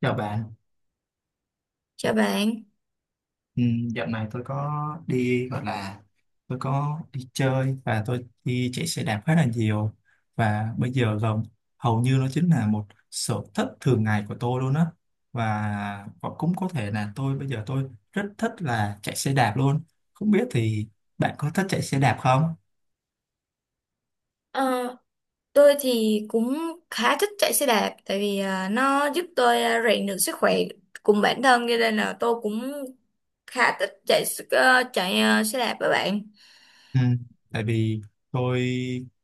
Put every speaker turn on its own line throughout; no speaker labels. Chào bạn,
Chào bạn.
ừ, dạo này tôi có đi gọi là đi chơi và tôi đi chạy xe đạp khá là nhiều. Và bây giờ gần hầu như nó chính là một sở thích thường ngày của tôi luôn á. Và cũng có thể là tôi bây giờ tôi rất thích là chạy xe đạp luôn. Không biết thì bạn có thích chạy xe đạp không?
Ờ, tôi thì cũng khá thích chạy xe đạp tại vì nó giúp tôi rèn được sức khỏe cùng bản thân, cho nên là tôi cũng khá thích chạy xe đạp với bạn.
Ừ, tại vì tôi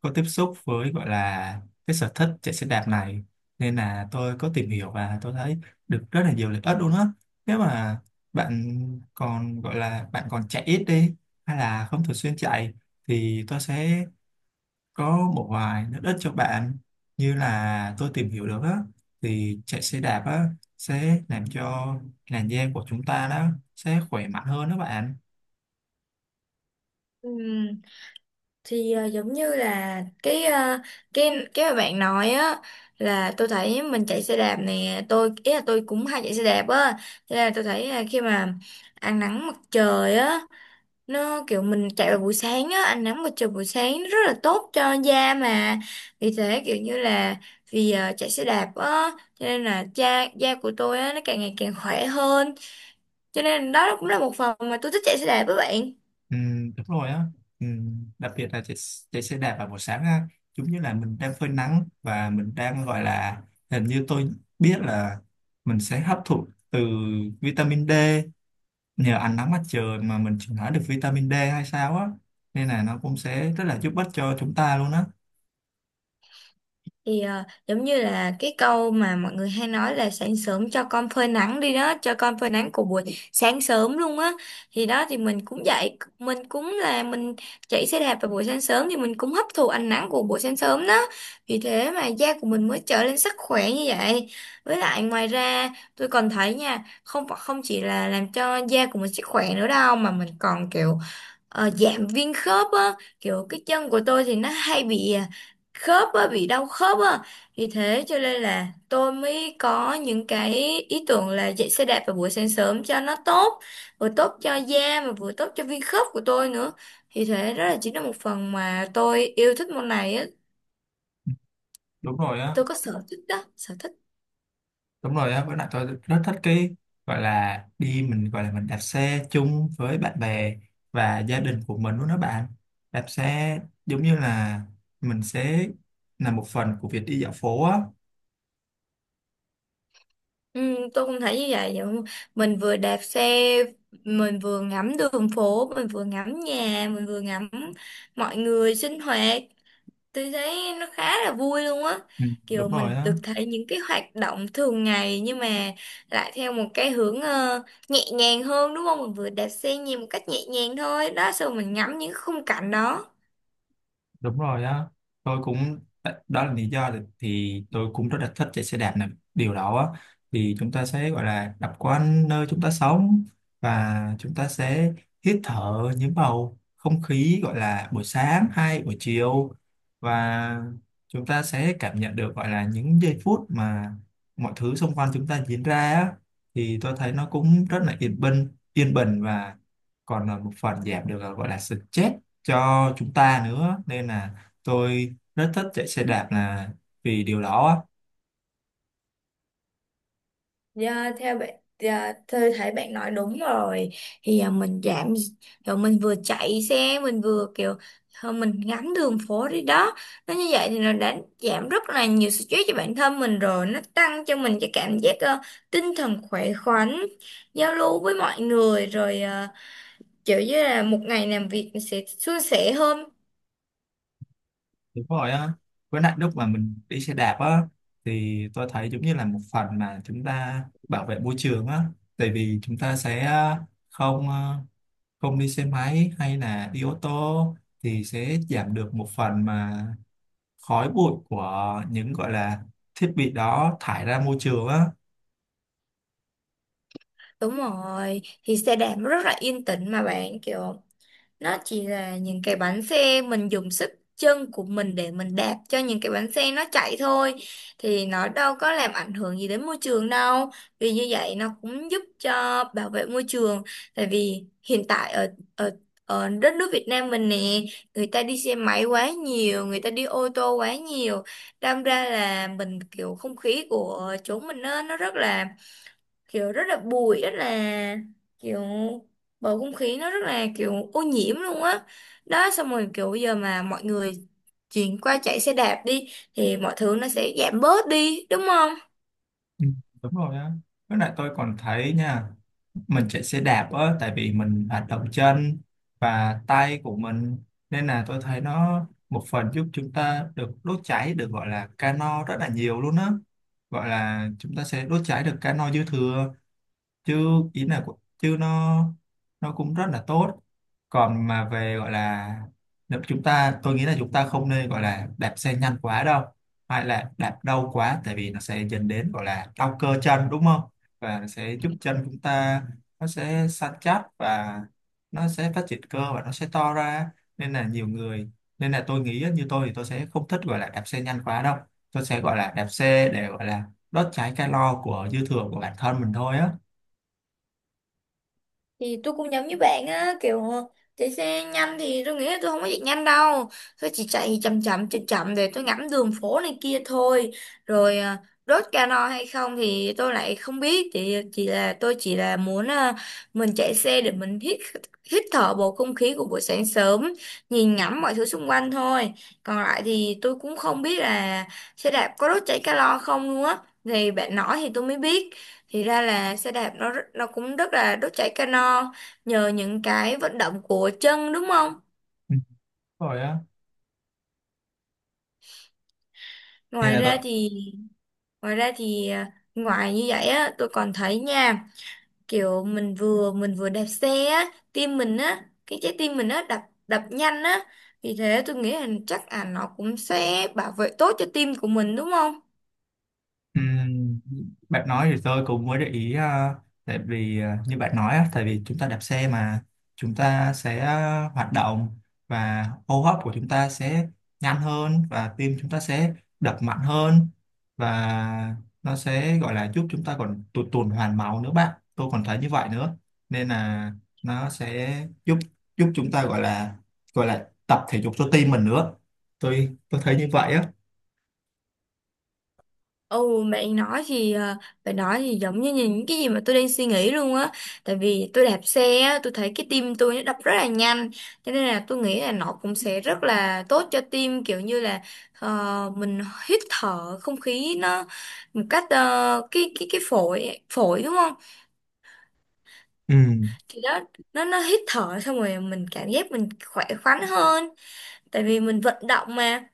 có tiếp xúc với gọi là cái sở thích chạy xe đạp này nên là tôi có tìm hiểu và tôi thấy được rất là nhiều lợi ích luôn á. Nếu mà bạn còn gọi là bạn còn chạy ít đi hay là không thường xuyên chạy thì tôi sẽ có một vài lợi ích cho bạn. Như là tôi tìm hiểu được á, thì chạy xe đạp á sẽ làm cho làn da của chúng ta đó sẽ khỏe mạnh hơn đó bạn.
Ừm, thì giống như là cái à, cái cái mà bạn nói á, là tôi thấy mình chạy xe đạp nè, tôi ý là tôi cũng hay chạy xe đạp á, cho nên là tôi thấy là khi mà ăn nắng mặt trời á, nó kiểu mình chạy vào buổi sáng á, ánh nắng mặt trời buổi sáng nó rất là tốt cho da mà, vì thế kiểu như là vì chạy xe đạp á cho nên là da da của tôi á nó càng ngày càng khỏe hơn, cho nên đó cũng là một phần mà tôi thích chạy xe đạp với bạn.
Ừ, đúng rồi á. Ừ, đặc biệt là chạy xe đạp vào buổi sáng á, giống như là mình đang phơi nắng và mình đang gọi là hình như tôi biết là mình sẽ hấp thụ từ vitamin D, nhờ ánh nắng mặt trời mà mình chuyển hóa được vitamin D hay sao á, nên là nó cũng sẽ rất là giúp ích cho chúng ta luôn á.
Thì giống như là cái câu mà mọi người hay nói là sáng sớm cho con phơi nắng đi đó, cho con phơi nắng của buổi sáng sớm luôn á, thì đó thì mình cũng dậy, mình cũng là mình chạy xe đạp vào buổi sáng sớm thì mình cũng hấp thụ ánh nắng của buổi sáng sớm đó, vì thế mà da của mình mới trở nên sức khỏe như vậy. Với lại ngoài ra tôi còn thấy nha, không không chỉ là làm cho da của mình sức khỏe nữa đâu, mà mình còn kiểu giảm viêm khớp á, kiểu cái chân của tôi thì nó hay bị khớp á, bị đau khớp á. Thì thế cho nên là tôi mới có những cái ý tưởng là chạy xe đạp vào buổi sáng sớm cho nó tốt, vừa tốt cho da mà vừa tốt cho viên khớp của tôi nữa. Thì thế đó là chính là một phần mà tôi yêu thích môn này á,
Đúng rồi á.
tôi có sở thích đó, sở thích.
Đúng rồi á, với lại tôi rất thích cái gọi là đi mình gọi là mình đạp xe chung với bạn bè và gia đình của mình luôn đó bạn. Đạp xe giống như là mình sẽ là một phần của việc đi dạo phố á.
Ừ, tôi cũng thấy như vậy, vậy không? Mình vừa đạp xe, mình vừa ngắm đường phố, mình vừa ngắm nhà, mình vừa ngắm mọi người sinh hoạt, tôi thấy nó khá là vui luôn á,
Ừ,
kiểu
đúng rồi
mình
á.
được thấy những cái hoạt động thường ngày nhưng mà lại theo một cái hướng nhẹ nhàng hơn, đúng không? Mình vừa đạp xe nhìn một cách nhẹ nhàng thôi đó, xong rồi mình ngắm những khung cảnh đó.
Đúng rồi á, tôi cũng đó là lý do thì tôi cũng rất là thích chạy xe đạp này, điều đó á. Thì chúng ta sẽ gọi là đạp quanh nơi chúng ta sống, và chúng ta sẽ hít thở những bầu không khí gọi là buổi sáng hay buổi chiều, và chúng ta sẽ cảm nhận được gọi là những giây phút mà mọi thứ xung quanh chúng ta diễn ra á. Thì tôi thấy nó cũng rất là yên bình, yên bình, và còn là một phần giảm được gọi là stress cho chúng ta nữa, nên là tôi rất thích chạy xe đạp là vì điều đó á.
Dạ, theo bạn, dạ, tôi thấy bạn nói đúng rồi, thì mình giảm, rồi mình vừa chạy xe mình vừa kiểu thôi mình ngắm đường phố đi đó, nó như vậy thì nó đã giảm rất là nhiều stress cho bản thân mình rồi, nó tăng cho mình cái cảm giác tinh thần khỏe khoắn, giao lưu với mọi người, rồi kiểu như là một ngày làm việc mình sẽ suôn sẻ hơn.
Đúng rồi á, với lại lúc mà mình đi xe đạp á thì tôi thấy giống như là một phần mà chúng ta bảo vệ môi trường á. Tại vì chúng ta sẽ không ờ, không đi xe máy hay là đi ô tô, thì sẽ giảm được một phần mà khói bụi của những gọi là thiết bị đó thải ra môi trường á.
Đúng rồi, thì xe đạp nó rất là yên tĩnh mà bạn, kiểu nó chỉ là những cái bánh xe mình dùng sức chân của mình để mình đạp cho những cái bánh xe nó chạy thôi, thì nó đâu có làm ảnh hưởng gì đến môi trường đâu, vì như vậy nó cũng giúp cho bảo vệ môi trường. Tại vì hiện tại ở ở ở đất nước Việt Nam mình nè, người ta đi xe máy quá nhiều, người ta đi ô tô quá nhiều, đâm ra là mình kiểu không khí của chỗ mình nó rất là kiểu, rất là bụi, rất là kiểu bầu không khí nó rất là kiểu ô nhiễm luôn á. Đó xong rồi kiểu bây giờ mà mọi người chuyển qua chạy xe đạp đi thì mọi thứ nó sẽ giảm bớt đi, đúng không?
Ừ, đúng rồi á, với lại tôi còn thấy nha, mình chạy xe đạp á, tại vì mình hoạt động chân và tay của mình nên là tôi thấy nó một phần giúp chúng ta được đốt cháy được gọi là calo rất là nhiều luôn á. Gọi là chúng ta sẽ đốt cháy được calo dư thừa, chứ chứ nó cũng rất là tốt. Còn mà về gọi là nếu chúng ta, tôi nghĩ là chúng ta không nên gọi là đạp xe nhanh quá đâu hay là đạp đau quá, tại vì nó sẽ dẫn đến gọi là đau cơ chân đúng không, và nó sẽ giúp chân chúng ta, nó sẽ săn chắc và nó sẽ phát triển cơ và nó sẽ to ra. Nên là nhiều người, nên là tôi nghĩ á, như tôi thì tôi sẽ không thích gọi là đạp xe nhanh quá đâu, tôi sẽ gọi là đạp xe để gọi là đốt cháy calo của dư thừa của bản thân mình thôi á.
Thì tôi cũng giống như bạn á, kiểu chạy xe nhanh thì tôi nghĩ là tôi không có chạy nhanh đâu, tôi chỉ chạy chậm chậm chậm chậm để tôi ngắm đường phố này kia thôi, rồi đốt cano hay không thì tôi lại không biết, thì chỉ là tôi chỉ là muốn mình chạy xe để mình hít hít thở bầu không khí của buổi sáng sớm, nhìn ngắm mọi thứ xung quanh thôi. Còn lại thì tôi cũng không biết là xe đạp có đốt cháy calo không luôn á, thì bạn nói thì tôi mới biết, thì ra là xe đạp nó cũng rất là đốt cháy calo nhờ những cái vận động của chân, đúng không?
Ừ. Rồi á. Vậy
Ngoài
là
ra
tôi
thì ngoài như vậy á tôi còn thấy nha, kiểu mình vừa đạp xe á, tim mình á, cái trái tim mình á đập đập nhanh á, vì thế tôi nghĩ là chắc là nó cũng sẽ bảo vệ tốt cho tim của mình, đúng không?
ừm, Bạn nói thì tôi cũng mới để ý, tại vì như bạn nói á, tại vì chúng ta đạp xe mà chúng ta sẽ hoạt động và hô hấp của chúng ta sẽ nhanh hơn và tim chúng ta sẽ đập mạnh hơn, và nó sẽ gọi là giúp chúng ta còn tuần hoàn máu nữa bạn, tôi còn thấy như vậy nữa. Nên là nó sẽ giúp giúp chúng ta gọi là tập thể dục cho tim mình nữa, tôi thấy như vậy á.
Ồ, bạn nói thì giống như những cái gì mà tôi đang suy nghĩ luôn á, tại vì tôi đạp xe á tôi thấy cái tim tôi nó đập rất là nhanh, cho nên là tôi nghĩ là nó cũng sẽ rất là tốt cho tim, kiểu như là mình hít thở không khí nó một cách cái phổi phổi, đúng không?
Ừ.
Thì đó, nó hít thở xong rồi mình cảm giác mình khỏe khoắn hơn, tại vì mình vận động mà.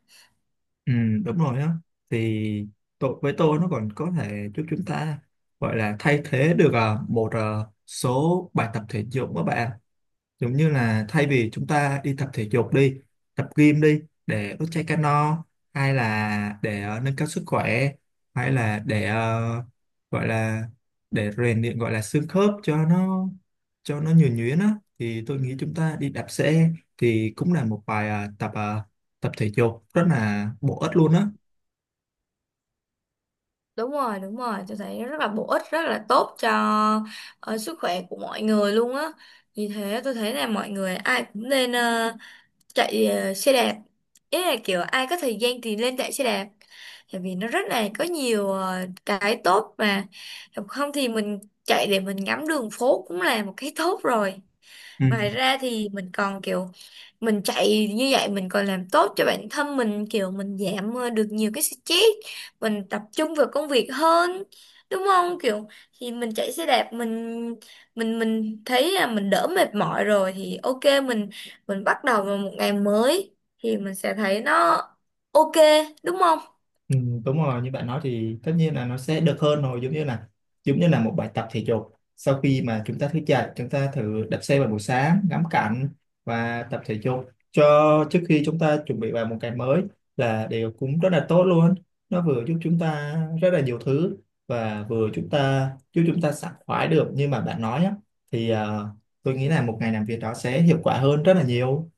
Ừ, đúng rồi á. Thì tôi với tôi nó còn có thể giúp chúng ta gọi là thay thế được một số bài tập thể dục các bạn, giống như là thay vì chúng ta đi tập thể dục đi, tập gym đi, để đốt cháy calo no, hay là để nâng cao sức khỏe, hay là để gọi là để rèn luyện gọi là xương khớp cho nó nhuần nhuyễn á, thì tôi nghĩ chúng ta đi đạp xe thì cũng là một bài tập tập thể dục rất là bổ ích luôn á.
Đúng rồi, tôi thấy rất là bổ ích, rất là tốt cho sức khỏe của mọi người luôn á. Vì thế tôi thấy là mọi người ai cũng nên chạy xe đạp. Ý là kiểu ai có thời gian thì lên chạy xe đạp, tại vì nó rất là có nhiều cái tốt mà. Không thì mình chạy để mình ngắm đường phố cũng là một cái tốt rồi.
Ừ.
Ngoài ra thì mình còn kiểu mình chạy như vậy mình còn làm tốt cho bản thân mình, kiểu mình giảm được nhiều cái stress, mình tập trung vào công việc hơn, đúng không? Kiểu thì mình chạy xe đạp, mình thấy là mình đỡ mệt mỏi rồi, thì ok, mình bắt đầu vào một ngày mới thì mình sẽ thấy nó ok, đúng không?
Ừ, đúng rồi như bạn nói thì tất nhiên là nó sẽ được hơn rồi, giống như là một bài tập thể dục sau khi mà chúng ta thức dậy chúng ta thử đạp xe vào buổi sáng ngắm cảnh và tập thể dục cho trước khi chúng ta chuẩn bị vào một ngày mới là đều cũng rất là tốt luôn. Nó vừa giúp chúng ta rất là nhiều thứ và vừa chúng ta giúp chúng ta sảng khoái được như mà bạn nói á, thì tôi nghĩ là một ngày làm việc đó sẽ hiệu quả hơn rất là nhiều.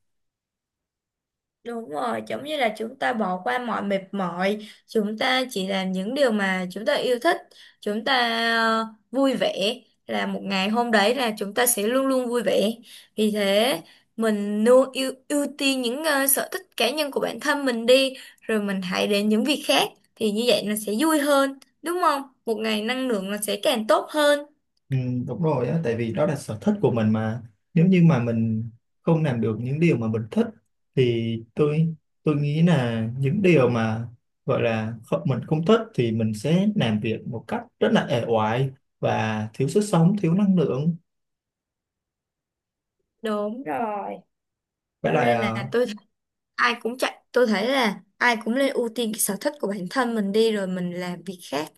Đúng rồi, giống như là chúng ta bỏ qua mọi mệt mỏi, chúng ta chỉ làm những điều mà chúng ta yêu thích, chúng ta ờ, vui vẻ, là một ngày hôm đấy là chúng ta sẽ luôn luôn vui vẻ. Vì thế, mình luôn ưu ưu tiên những sở thích cá nhân của bản thân mình đi, rồi mình hãy đến những việc khác thì như vậy nó sẽ vui hơn, đúng không? Một ngày năng lượng nó sẽ càng tốt hơn.
Ừ, đúng rồi á, tại vì đó là sở thích của mình mà, nếu như mà mình không làm được những điều mà mình thích thì tôi nghĩ là những điều mà gọi là không, mình không thích thì mình sẽ làm việc một cách rất là ẻ oải và thiếu sức sống, thiếu năng lượng.
Đúng rồi.
Với
Cho
lại
nên là
ờ,
tôi, ai cũng chạy, tôi thấy là ai cũng nên ưu tiên cái sở thích của bản thân mình đi rồi mình làm việc khác.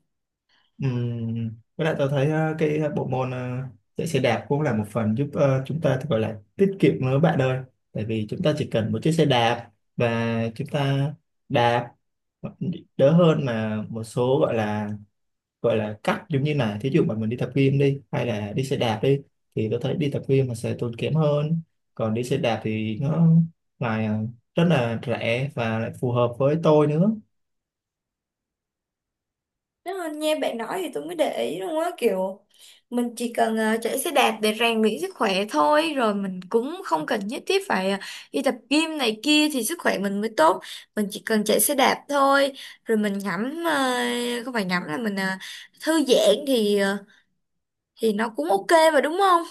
Với lại tôi thấy cái bộ môn chạy xe đạp cũng là một phần giúp chúng ta thì gọi là tiết kiệm nữa bạn ơi. Tại vì chúng ta chỉ cần một chiếc xe đạp và chúng ta đạp ờ, đỡ hơn mà một số gọi là cắt, giống như là thí dụ mà mình đi tập gym đi hay là đi xe đạp đi, thì tôi thấy đi tập gym mà sẽ tốn kém hơn. Còn đi xe đạp thì nó lại rất là rẻ và lại phù hợp với tôi nữa.
Nếu mà nghe bạn nói thì tôi mới để ý luôn á, kiểu mình chỉ cần chạy xe đạp để rèn luyện sức khỏe thôi, rồi mình cũng không cần nhất thiết phải đi tập gym này kia thì sức khỏe mình mới tốt, mình chỉ cần chạy xe đạp thôi, rồi mình ngắm không phải ngắm là mình thư giãn thì thì nó cũng ok mà, đúng không?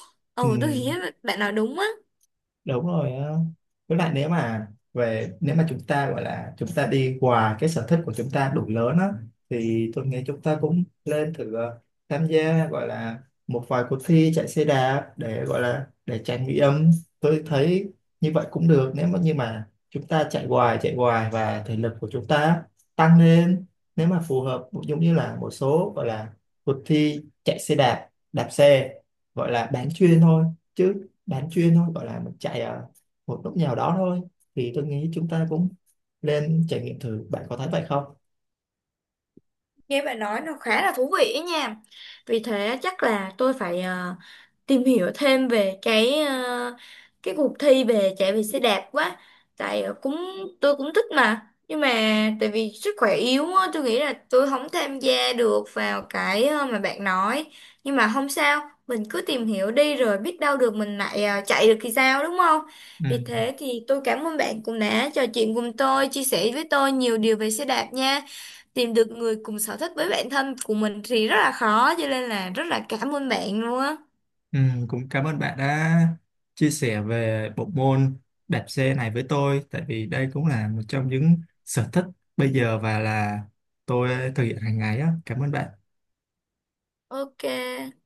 Ừ,
Ừ, tôi nghĩ là bạn nói đúng á.
đúng rồi á. Với lại nếu mà chúng ta gọi là chúng ta đi qua cái sở thích của chúng ta đủ lớn á, thì tôi nghĩ chúng ta cũng lên thử tham gia gọi là một vài cuộc thi chạy xe đạp để gọi là để trải nghiệm, tôi thấy như vậy cũng được. Nếu mà như mà chúng ta chạy hoài và thể lực của chúng ta tăng lên, nếu mà phù hợp giống như là một số gọi là cuộc thi chạy xe đạp, đạp xe gọi là bán chuyên thôi, chứ bán chuyên thôi gọi là mình chạy ở một lúc nào đó thôi, thì tôi nghĩ chúng ta cũng lên trải nghiệm thử, bạn có thấy vậy không?
Nghe bạn nói nó khá là thú vị ấy nha, vì thế chắc là tôi phải tìm hiểu thêm về cái cái cuộc thi về chạy về xe đạp quá. Tại cũng tôi cũng thích mà. Nhưng mà tại vì sức khỏe yếu á, tôi nghĩ là tôi không tham gia được vào cái mà bạn nói. Nhưng mà không sao, mình cứ tìm hiểu đi rồi biết đâu được mình lại chạy được thì sao, đúng không?
Ừ.
Vì thế thì tôi cảm ơn bạn cũng đã trò chuyện cùng tôi, chia sẻ với tôi nhiều điều về xe đạp nha, tìm được người cùng sở thích với bản thân của mình thì rất là khó, cho nên là rất là cảm ơn bạn luôn á.
Ừ, cũng cảm ơn bạn đã chia sẻ về bộ môn đạp xe này với tôi, tại vì đây cũng là một trong những sở thích bây giờ và là tôi thực hiện hàng ngày á. Cảm ơn bạn.
Ok.